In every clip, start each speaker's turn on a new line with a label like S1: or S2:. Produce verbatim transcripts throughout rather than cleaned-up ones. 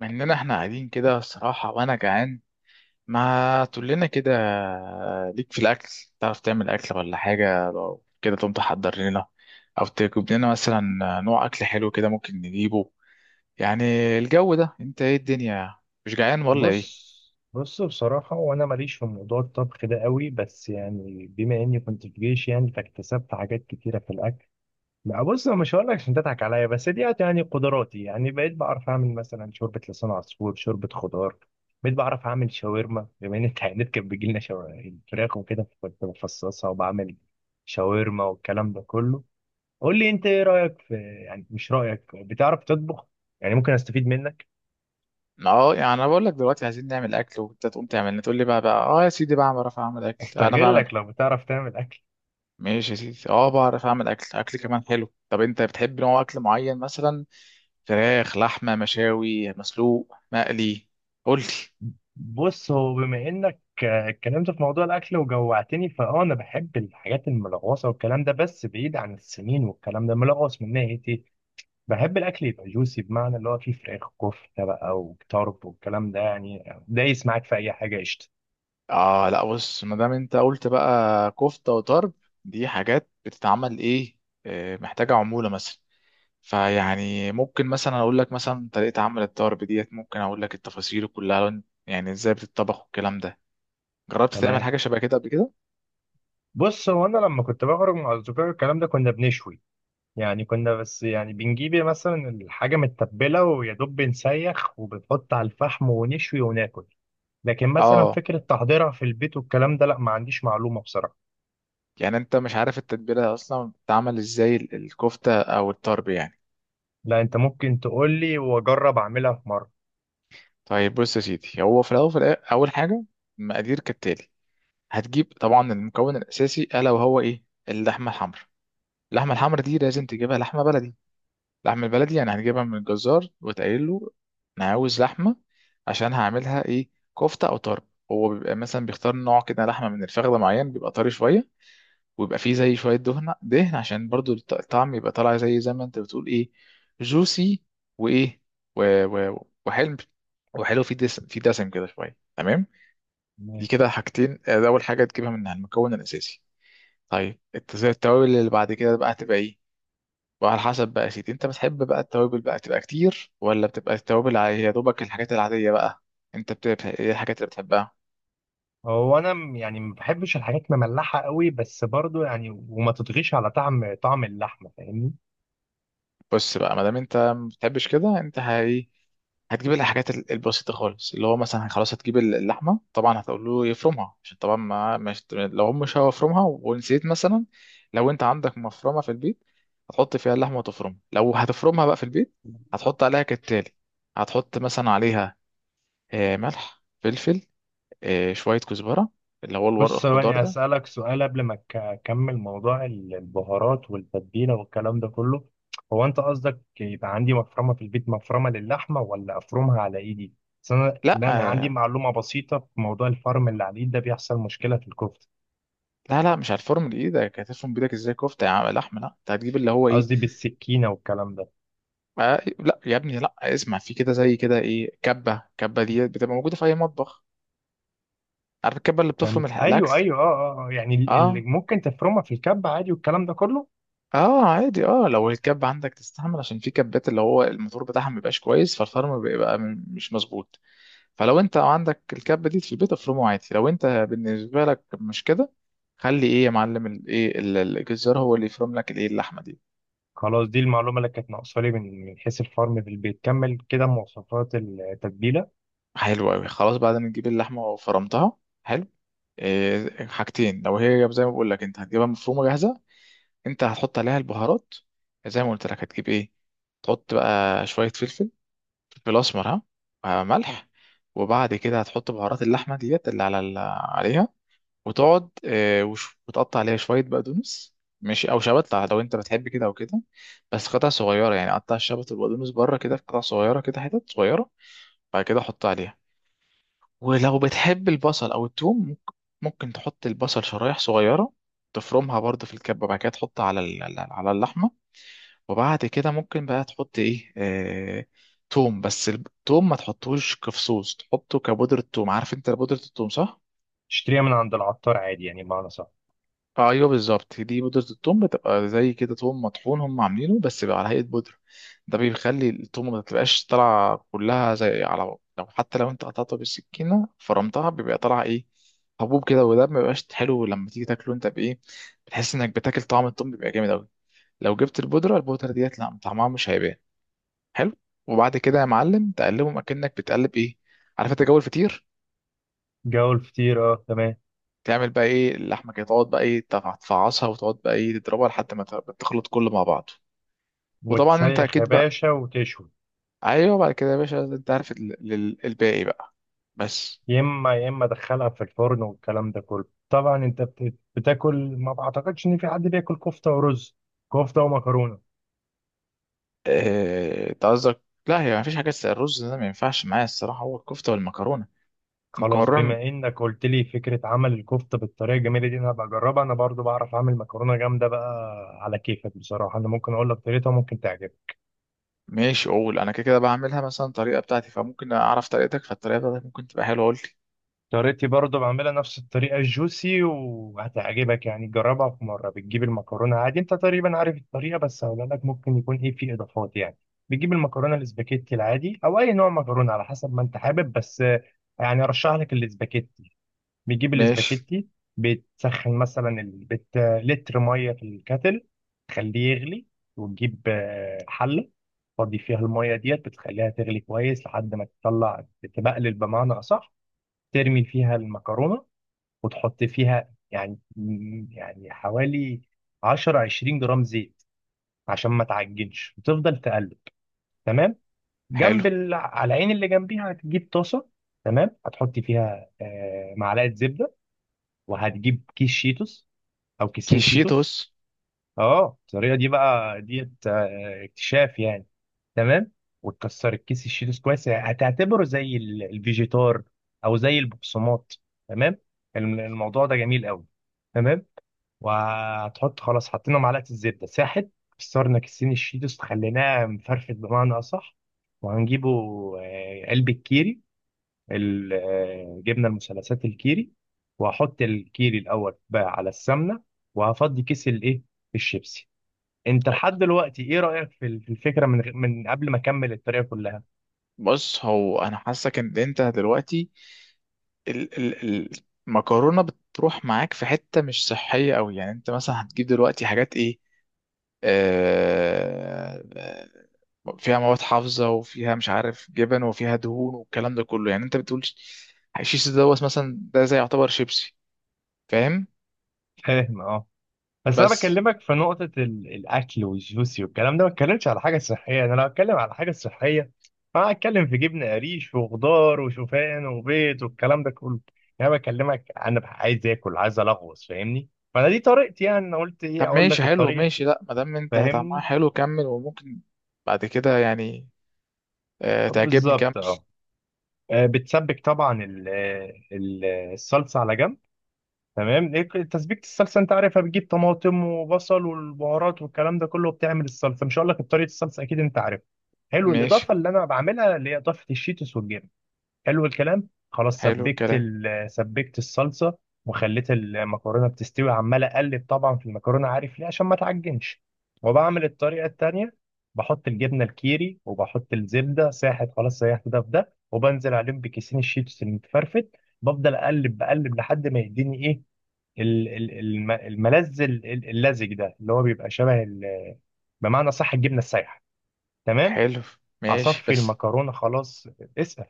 S1: مع اننا احنا قاعدين كده الصراحة وانا جعان، ما تقول لنا كده ليك في الاكل. تعرف تعمل اكل ولا حاجة؟ لو كده تقوم تحضر لنا، او تجيب لنا مثلا نوع اكل حلو كده ممكن نجيبه. يعني الجو ده، انت ايه الدنيا؟ مش جعان ولا ايه؟
S2: بص بص بصراحة، وأنا ماليش في موضوع الطبخ ده قوي، بس يعني بما إني كنت في جيش يعني فاكتسبت حاجات كتيرة في الأكل. ما بص، أنا مش هقول لك عشان تضحك عليا، بس دي يعني قدراتي. يعني بقيت بعرف أعمل مثلا شوربة لسان عصفور، شوربة خضار. بقيت بعرف أعمل شاورما، بما إن التعيينات كانت بيجي لنا شوا- فراخ وكده، كنت بفصصها وبعمل شاورما والكلام ده كله. قول لي أنت، إيه رأيك في، يعني مش رأيك بتعرف تطبخ؟ يعني ممكن أستفيد منك،
S1: اه، يعني انا بقول لك دلوقتي عايزين نعمل اكل وانت تقوم تعمل لنا، تقول لي بقى بقى اه يا سيدي بقى بعرف اعمل اكل انا بعمل.
S2: أستغلك لو بتعرف تعمل أكل.
S1: ماشي يا سيدي، اه بعرف اعمل اكل، اكل كمان حلو. طب انت بتحب نوع اكل معين مثلا؟ فراخ، لحمة، مشاوي، مسلوق، مقلي؟ قول لي.
S2: بص، هو بما انك آه، اتكلمت في موضوع الاكل وجوعتني، فاه انا بحب الحاجات الملغوصه والكلام ده، بس بعيد عن السمين. والكلام ده ملغوص من ناحيه ايه؟ بحب الاكل يبقى جوسي، بمعنى اللي هو فيه فراخ، كفته بقى وطرب والكلام ده، يعني دايس معاك في اي حاجه قشطه.
S1: اه، لا بص، ما دام انت قلت بقى كفتة وطرب، دي حاجات بتتعمل ايه؟ آه، محتاجة عمولة مثلا. فيعني ممكن مثلا اقول لك مثلا طريقة عمل الطرب ديت، ممكن اقول لك التفاصيل كلها، يعني ازاي بتطبخ والكلام ده. جربت تعمل
S2: تمام.
S1: حاجة شبه كده قبل كده؟
S2: بص، هو انا لما كنت بخرج مع اصدقائي الكلام ده كنا بنشوي. يعني كنا، بس يعني بنجيب مثلا الحاجه متبله، ويا دوب بنسيخ وبنحط على الفحم ونشوي وناكل. لكن مثلا
S1: اه.
S2: فكرة تحضيرها في البيت والكلام ده، لا، ما عنديش معلومة بصراحة.
S1: يعني انت مش عارف التتبيلة اصلا بتتعمل ازاي، ال- الكفتة او الطرب يعني.
S2: لا، انت ممكن تقول لي واجرب اعملها في مرة.
S1: طيب بص يا سيدي، هو في الاول، في الآ- اول حاجة، مقادير كالتالي. هتجيب طبعا المكون الاساسي الا وهو ايه؟ اللحمه الحمراء. اللحمه الحمراء دي لازم تجيبها لحمه بلدي. اللحمه البلدي يعني هنجيبها من الجزار، وتقول له انا عاوز لحمه عشان هعملها ايه، كفته او طرب. هو بيبقى مثلا بيختار نوع كده لحمه من الفخده معين، بيبقى طري شويه، ويبقى فيه زي شويه دهن دهن، عشان برضو الط- الطعم يبقى طالع زي زي ما انت بتقول ايه، جوسي. وايه، و... و... وحلم، وحلو، في دسم في دسم كده شويه، تمام. دي
S2: تمام.
S1: كده حاجتين. آه، ده اول حاجه تجيبها منها، المكون الاساسي. طيب الت- زي التوابل اللي بعد كده بقى هتبقى ايه، وعلى حسب بقى يا سيدي انت بتحب بقى التوابل بقى تبقى كتير، ولا بتبقى التوابل ع- يا دوبك الحاجات العادية بقى. انت بتبقى ايه الحاجات اللي بتحبها؟
S2: هو انا م- يعني ما بحبش الحاجات مملحة قوي، بس برضو يعني، وما تطغيش على طعم طعم اللحمة، فاهمني؟
S1: بص بقى، ما دام انت ما بتحبش كده، انت هي هتجيب الحاجات ال- البسيطة خالص، اللي هو مثلا خلاص هتجيب ال- اللحمة. طبعا هتقول له يفرمها، عشان طبعا ما مش، لو هم مش هيفرمها ونسيت مثلا، لو انت عندك مفرمة في البيت هتحط فيها اللحمة وتفرمها. لو هتفرمها بقى في البيت، هتحط عليها كالتالي. هتحط مثلا عليها آه، ملح، فلفل، آه، شوية كزبرة، اللي هو الورق
S2: بص،
S1: الخضار
S2: ثواني
S1: ده.
S2: اسالك سؤال قبل ما أك- اكمل موضوع ال- البهارات والتتبيلة والكلام ده كله. هو انت قصدك يبقى عندي مفرمة في البيت، مفرمة للحمة، ولا افرمها على ايدي؟ بس انا،
S1: لا.
S2: لأن أنا عندي
S1: آه،
S2: معلومة بسيطة في موضوع الفرم اللي على الايد ده، بيحصل مشكلة في الكفتة.
S1: لا لا، مش هتفرم بايدك. هتفرم بايدك ازاي كفتة يا عم لحمة؟ لا، انت هتجيب اللي هو ايه.
S2: قصدي بالسكينه والكلام ده.
S1: آه، لا يا ابني، لا اسمع في كده، زي كده ايه، كبة. كبة دي بتبقى موجودة في اي مطبخ. عارف الكبة اللي بتفرم
S2: تمام،
S1: الح- الاكل.
S2: ايوه ايوه اه، اه آه. يعني اللي
S1: اه.
S2: ممكن تفرمها في الكب عادي والكلام ده كله.
S1: اه، عادي، اه لو الكبة عندك تستحمل، عشان في كبات اللي هو الموتور بتاعها ما بيبقاش كويس، فالفرم بيبقى م- مش مظبوط. فلو انت عندك الكبه دي في البيت افرمه عادي. لو انت بالنسبه لك مش كده، خلي ايه يا معلم، الايه الجزار هو اللي يفرم لك الايه اللحمه دي.
S2: خلاص، دي المعلومه اللي كانت ناقصه لي من من حيث الفرم في البيت. كمل كده مواصفات التتبيله.
S1: حلو قوي. خلاص، بعد ما تجيب اللحمه وفرمتها، حلو. إيه حاجتين، لو هي زي ما بقول لك انت هتجيبها مفرومه جاهزه، انت هتحط عليها البهارات. زي ما قلت لك، هتجيب ايه، تحط بقى شويه فلفل، فلفل اسمر، ها، آه، ملح. وبعد كده هتحط بهارات اللحمه ديت اللي على ال- عليها، وتقعد آه، وش- وتقطع عليها شوية بقدونس، ماشي، أو شبت لو أنت بتحب كده أو كده، بس قطع صغيرة، يعني قطع الشبت والبقدونس بره كده في قطع صغيرة كده، حتت صغيرة. بعد كده حط عليها، ولو بتحب البصل أو التوم، ممكن، ممكن تحط البصل شرايح صغيرة، تفرمها برضه في الكبة، بعد كده تحطها على ال- على على اللحمة. وبعد كده ممكن بقى تحط إيه، آه... توم. بس التوم ما تحطوش كفصوص، تحطه كبودرة توم. عارف أنت بودرة التوم، صح؟
S2: تشتريها من عند العطار عادي يعني، بمعنى صح؟
S1: ايوه بالظبط، دي بودرة التوم، بتبقى زي كده توم مطحون هم عاملينه بس بيبقى على هيئة بودرة. ده بيخلي التوم ما تبقاش طالعة كلها زي، على لو، حتى لو انت قطعتها بالسكينة فرمتها بيبقى طالع ايه، حبوب كده. وده ما بيبقاش حلو لما تيجي تاكله انت بايه، بتحس انك بتاكل طعم التوم بيبقى جامد قوي. لو جبت البودرة، البودرة ديت لا طعمها مش هيبان. حلو. وبعد كده يا معلم تقلبهم اكنك بتقلب ايه، عارف انت جو الفطير.
S2: جو الفطير، اه تمام.
S1: تعمل بقى ايه اللحمه كده، تقعد بقى ايه تف- تفعصها، وتقعد بقى ايه تضربها لحد ما ت- تخلط كله مع بعضه. وطبعا انت
S2: وتسيخ يا
S1: اكيد بقى،
S2: باشا وتشوي.
S1: ايوه بعد كده يا باشا انت عارف ال- ال- الباقي بقى، بس.
S2: يا اما يا اما دخلها في الفرن والكلام ده كله. طبعا انت بت- بتاكل. ما بعتقدش ان في حد بياكل كفته ورز، كفته ومكرونه.
S1: آه، انت قصدك، لا، هي مفيش حاجه اسمها الرز ده، ما ينفعش معايا الصراحه، هو الكفته والمكرونه.
S2: خلاص،
S1: والمكرونه؟
S2: بما انك قلت لي فكره عمل الكفته بالطريقه الجميله دي، انا هبقى اجربها. انا برضو بعرف اعمل مكرونه جامده بقى. على كيفك بصراحه، انا ممكن اقول لك طريقتها، ممكن تعجبك.
S1: ماشي، اقول انا كده كده بعملها مثلا طريقه بتاعتي، فممكن اعرف طريقتك، فالطريقه بتاعتك ممكن تبقى حلوه، قول لي.
S2: طريقتي برضو بعملها نفس الطريقه الجوسي، وهتعجبك يعني، جربها في مره. بتجيب المكرونه عادي، انت تقريبا عارف الطريقه، بس هقول لك ممكن يكون ايه في اضافات يعني. بتجيب المكرونه الاسباجيتي العادي او اي نوع مكرونه على حسب ما انت حابب، بس يعني ارشح لك الاسباجيتي. بتجيب
S1: ماشي.
S2: الاسباجيتي. بتسخن مثلا ال- بت... لتر ميه في الكاتل، تخليه يغلي. وتجيب آه، حله، تفضي فيها الميه ديت، بتخليها تغلي كويس لحد ما تطلع، تبقلل بمعنى اصح. ترمي فيها المكرونه، وتحط فيها يعني يعني حوالي عشرة عشرين جرام زيت عشان ما تعجنش، وتفضل تقلب. تمام.
S1: حلو.
S2: جنب ال... على العين اللي جنبيها هتجيب طاسه. تمام، هتحط فيها آه، معلقه زبده، وهتجيب كيس شيتوس او كيسين شيتوس.
S1: كيشيتوس.
S2: اه، الطريقه دي بقى ديت آه، اكتشاف يعني. تمام. وتكسر الكيس الشيتوس كويس، يعني هتعتبره زي ال- الفيجيتار او زي البقسماط. تمام. الم- الموضوع ده جميل قوي. تمام. وهتحط، خلاص حطينا معلقه الزبده ساحت، كسرنا كيسين الشيتوس خليناه مفرفت بمعنى اصح، وهنجيبه آه، قلب الكيري، ال- آه، جبنه المثلثات الكيري. وهحط الكيري الاول بقى على السمنه، وهفضي كيس الايه الشيبسي. انت لحد دلوقتي ايه رايك في ال- في الفكره من غ- من قبل ما اكمل الطريقه كلها؟
S1: بص هو انا حاسك ان انت دلوقتي، ال ال المكرونه بتروح معاك في حته مش صحيه قوي، يعني انت مثلا هتجيب دلوقتي حاجات ايه، آه آه، فيها مواد حافظه، وفيها مش عارف جبن، وفيها دهون، والكلام ده كله، يعني انت بتقول ش- الشيش دوت مثلا ده زي يعتبر شيبسي، فاهم؟
S2: فاهم، اه. بس انا
S1: بس،
S2: بكلمك في نقطه ال- الاكل والجوسي والكلام ده، ما اتكلمتش على حاجه صحيه. انا لو اتكلم على حاجه صحيه، انا هتكلم في جبنه قريش وخضار وشوفان وبيض والكلام ده كله. يعني انا بكلمك انا عايز اكل، عايز الغوص، فاهمني؟ فانا دي طريقتي، يعني انا قلت ايه
S1: طب
S2: اقول
S1: ماشي،
S2: لك
S1: حلو،
S2: الطريقه.
S1: ماشي، لا ما دام انت طعمها
S2: فاهمني؟
S1: حلو كمل، وممكن بعد كده يعني آه تعجبني، كمل.
S2: بالظبط اه. آه، بتسبك طبعا ال- ال- الصلصه على جنب. تمام، إيه، تسبيكه الصلصه انت عارفها، بتجيب طماطم وبصل والبهارات والكلام ده كله بتعمل الصلصه. مش هقول لك طريقه الصلصه اكيد انت عارفها. حلو
S1: ماشي.
S2: الاضافه اللي انا بعملها، اللي هي اضافه الشيتوس والجبن. حلو الكلام. خلاص
S1: حلو
S2: سبكت
S1: الكلام.
S2: ال- سبكت الصلصه وخليت المكرونه بتستوي، عمال اقلب طبعا في المكرونه، عارف ليه؟ عشان ما تعجنش، وبعمل الطريقه التانيه. بحط الجبنه الكيري، وبحط الزبده ساحت خلاص، سيحت ده في ده، وبنزل عليهم بكيسين الشيتوس المتفرفت. بفضل اقلب، بقلب لحد ما يديني ايه ال- ال- الم- الملذ ال- ال- اللزج ده، اللي هو بيبقى شبه ال- بمعنى صح الجبنه السايحه. تمام.
S1: حلو. ماشي.
S2: اصفي
S1: بس،
S2: المكرونه، خلاص اسأل.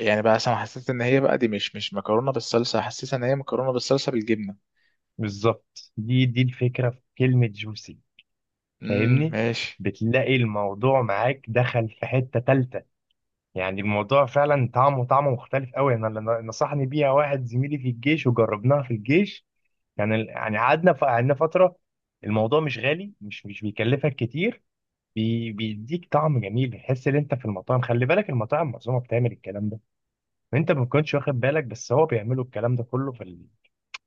S1: يعني بقى انا حسيت ان هي بقى دي مش مش مكرونه بالصلصه، حسيت ان هي مكرونه بالصلصه بالجبنه.
S2: بالظبط، دي دي الفكرة في كلمة جوسي،
S1: امم
S2: فاهمني؟
S1: ماشي.
S2: بتلاقي الموضوع معاك دخل في حتة تالتة. يعني الموضوع فعلا، طعمه طعمه مختلف قوي. انا اللي نصحني بيها واحد زميلي في الجيش، وجربناها في الجيش. يعني ال- يعني قعدنا، ف- قعدنا فترة. الموضوع مش غالي، مش مش بيكلفك كتير، بي بيديك طعم جميل. بتحس ان انت في المطاعم. خلي بالك المطاعم معظمها بتعمل الكلام ده، انت ما كنتش واخد بالك، بس هو بيعملوا الكلام ده كله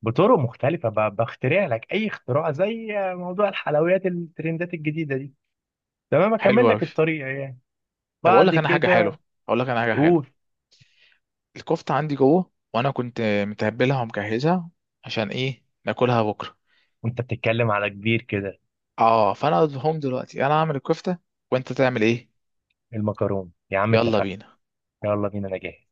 S2: بطرق مختلفة، ب- بخترع لك أي اختراع، زي موضوع الحلويات الترندات الجديدة دي. تمام،
S1: حلو
S2: أكمل
S1: قوي.
S2: لك الطريق يعني،
S1: طب اقول
S2: بعد
S1: لك انا حاجه حلوه،
S2: كده
S1: اقول لك انا حاجه حلوه
S2: قول.
S1: الكفته عندي جوه، وانا كنت متبلها ومجهزها عشان ايه، ناكلها بكره.
S2: وأنت بتتكلم على كبير كده.
S1: اه، فانا اقول لهم دلوقتي انا هعمل الكفته، وانت تعمل ايه.
S2: المكرونة يا عم،
S1: يلا
S2: اتفقنا.
S1: بينا.
S2: يلا بينا أنا جاهز.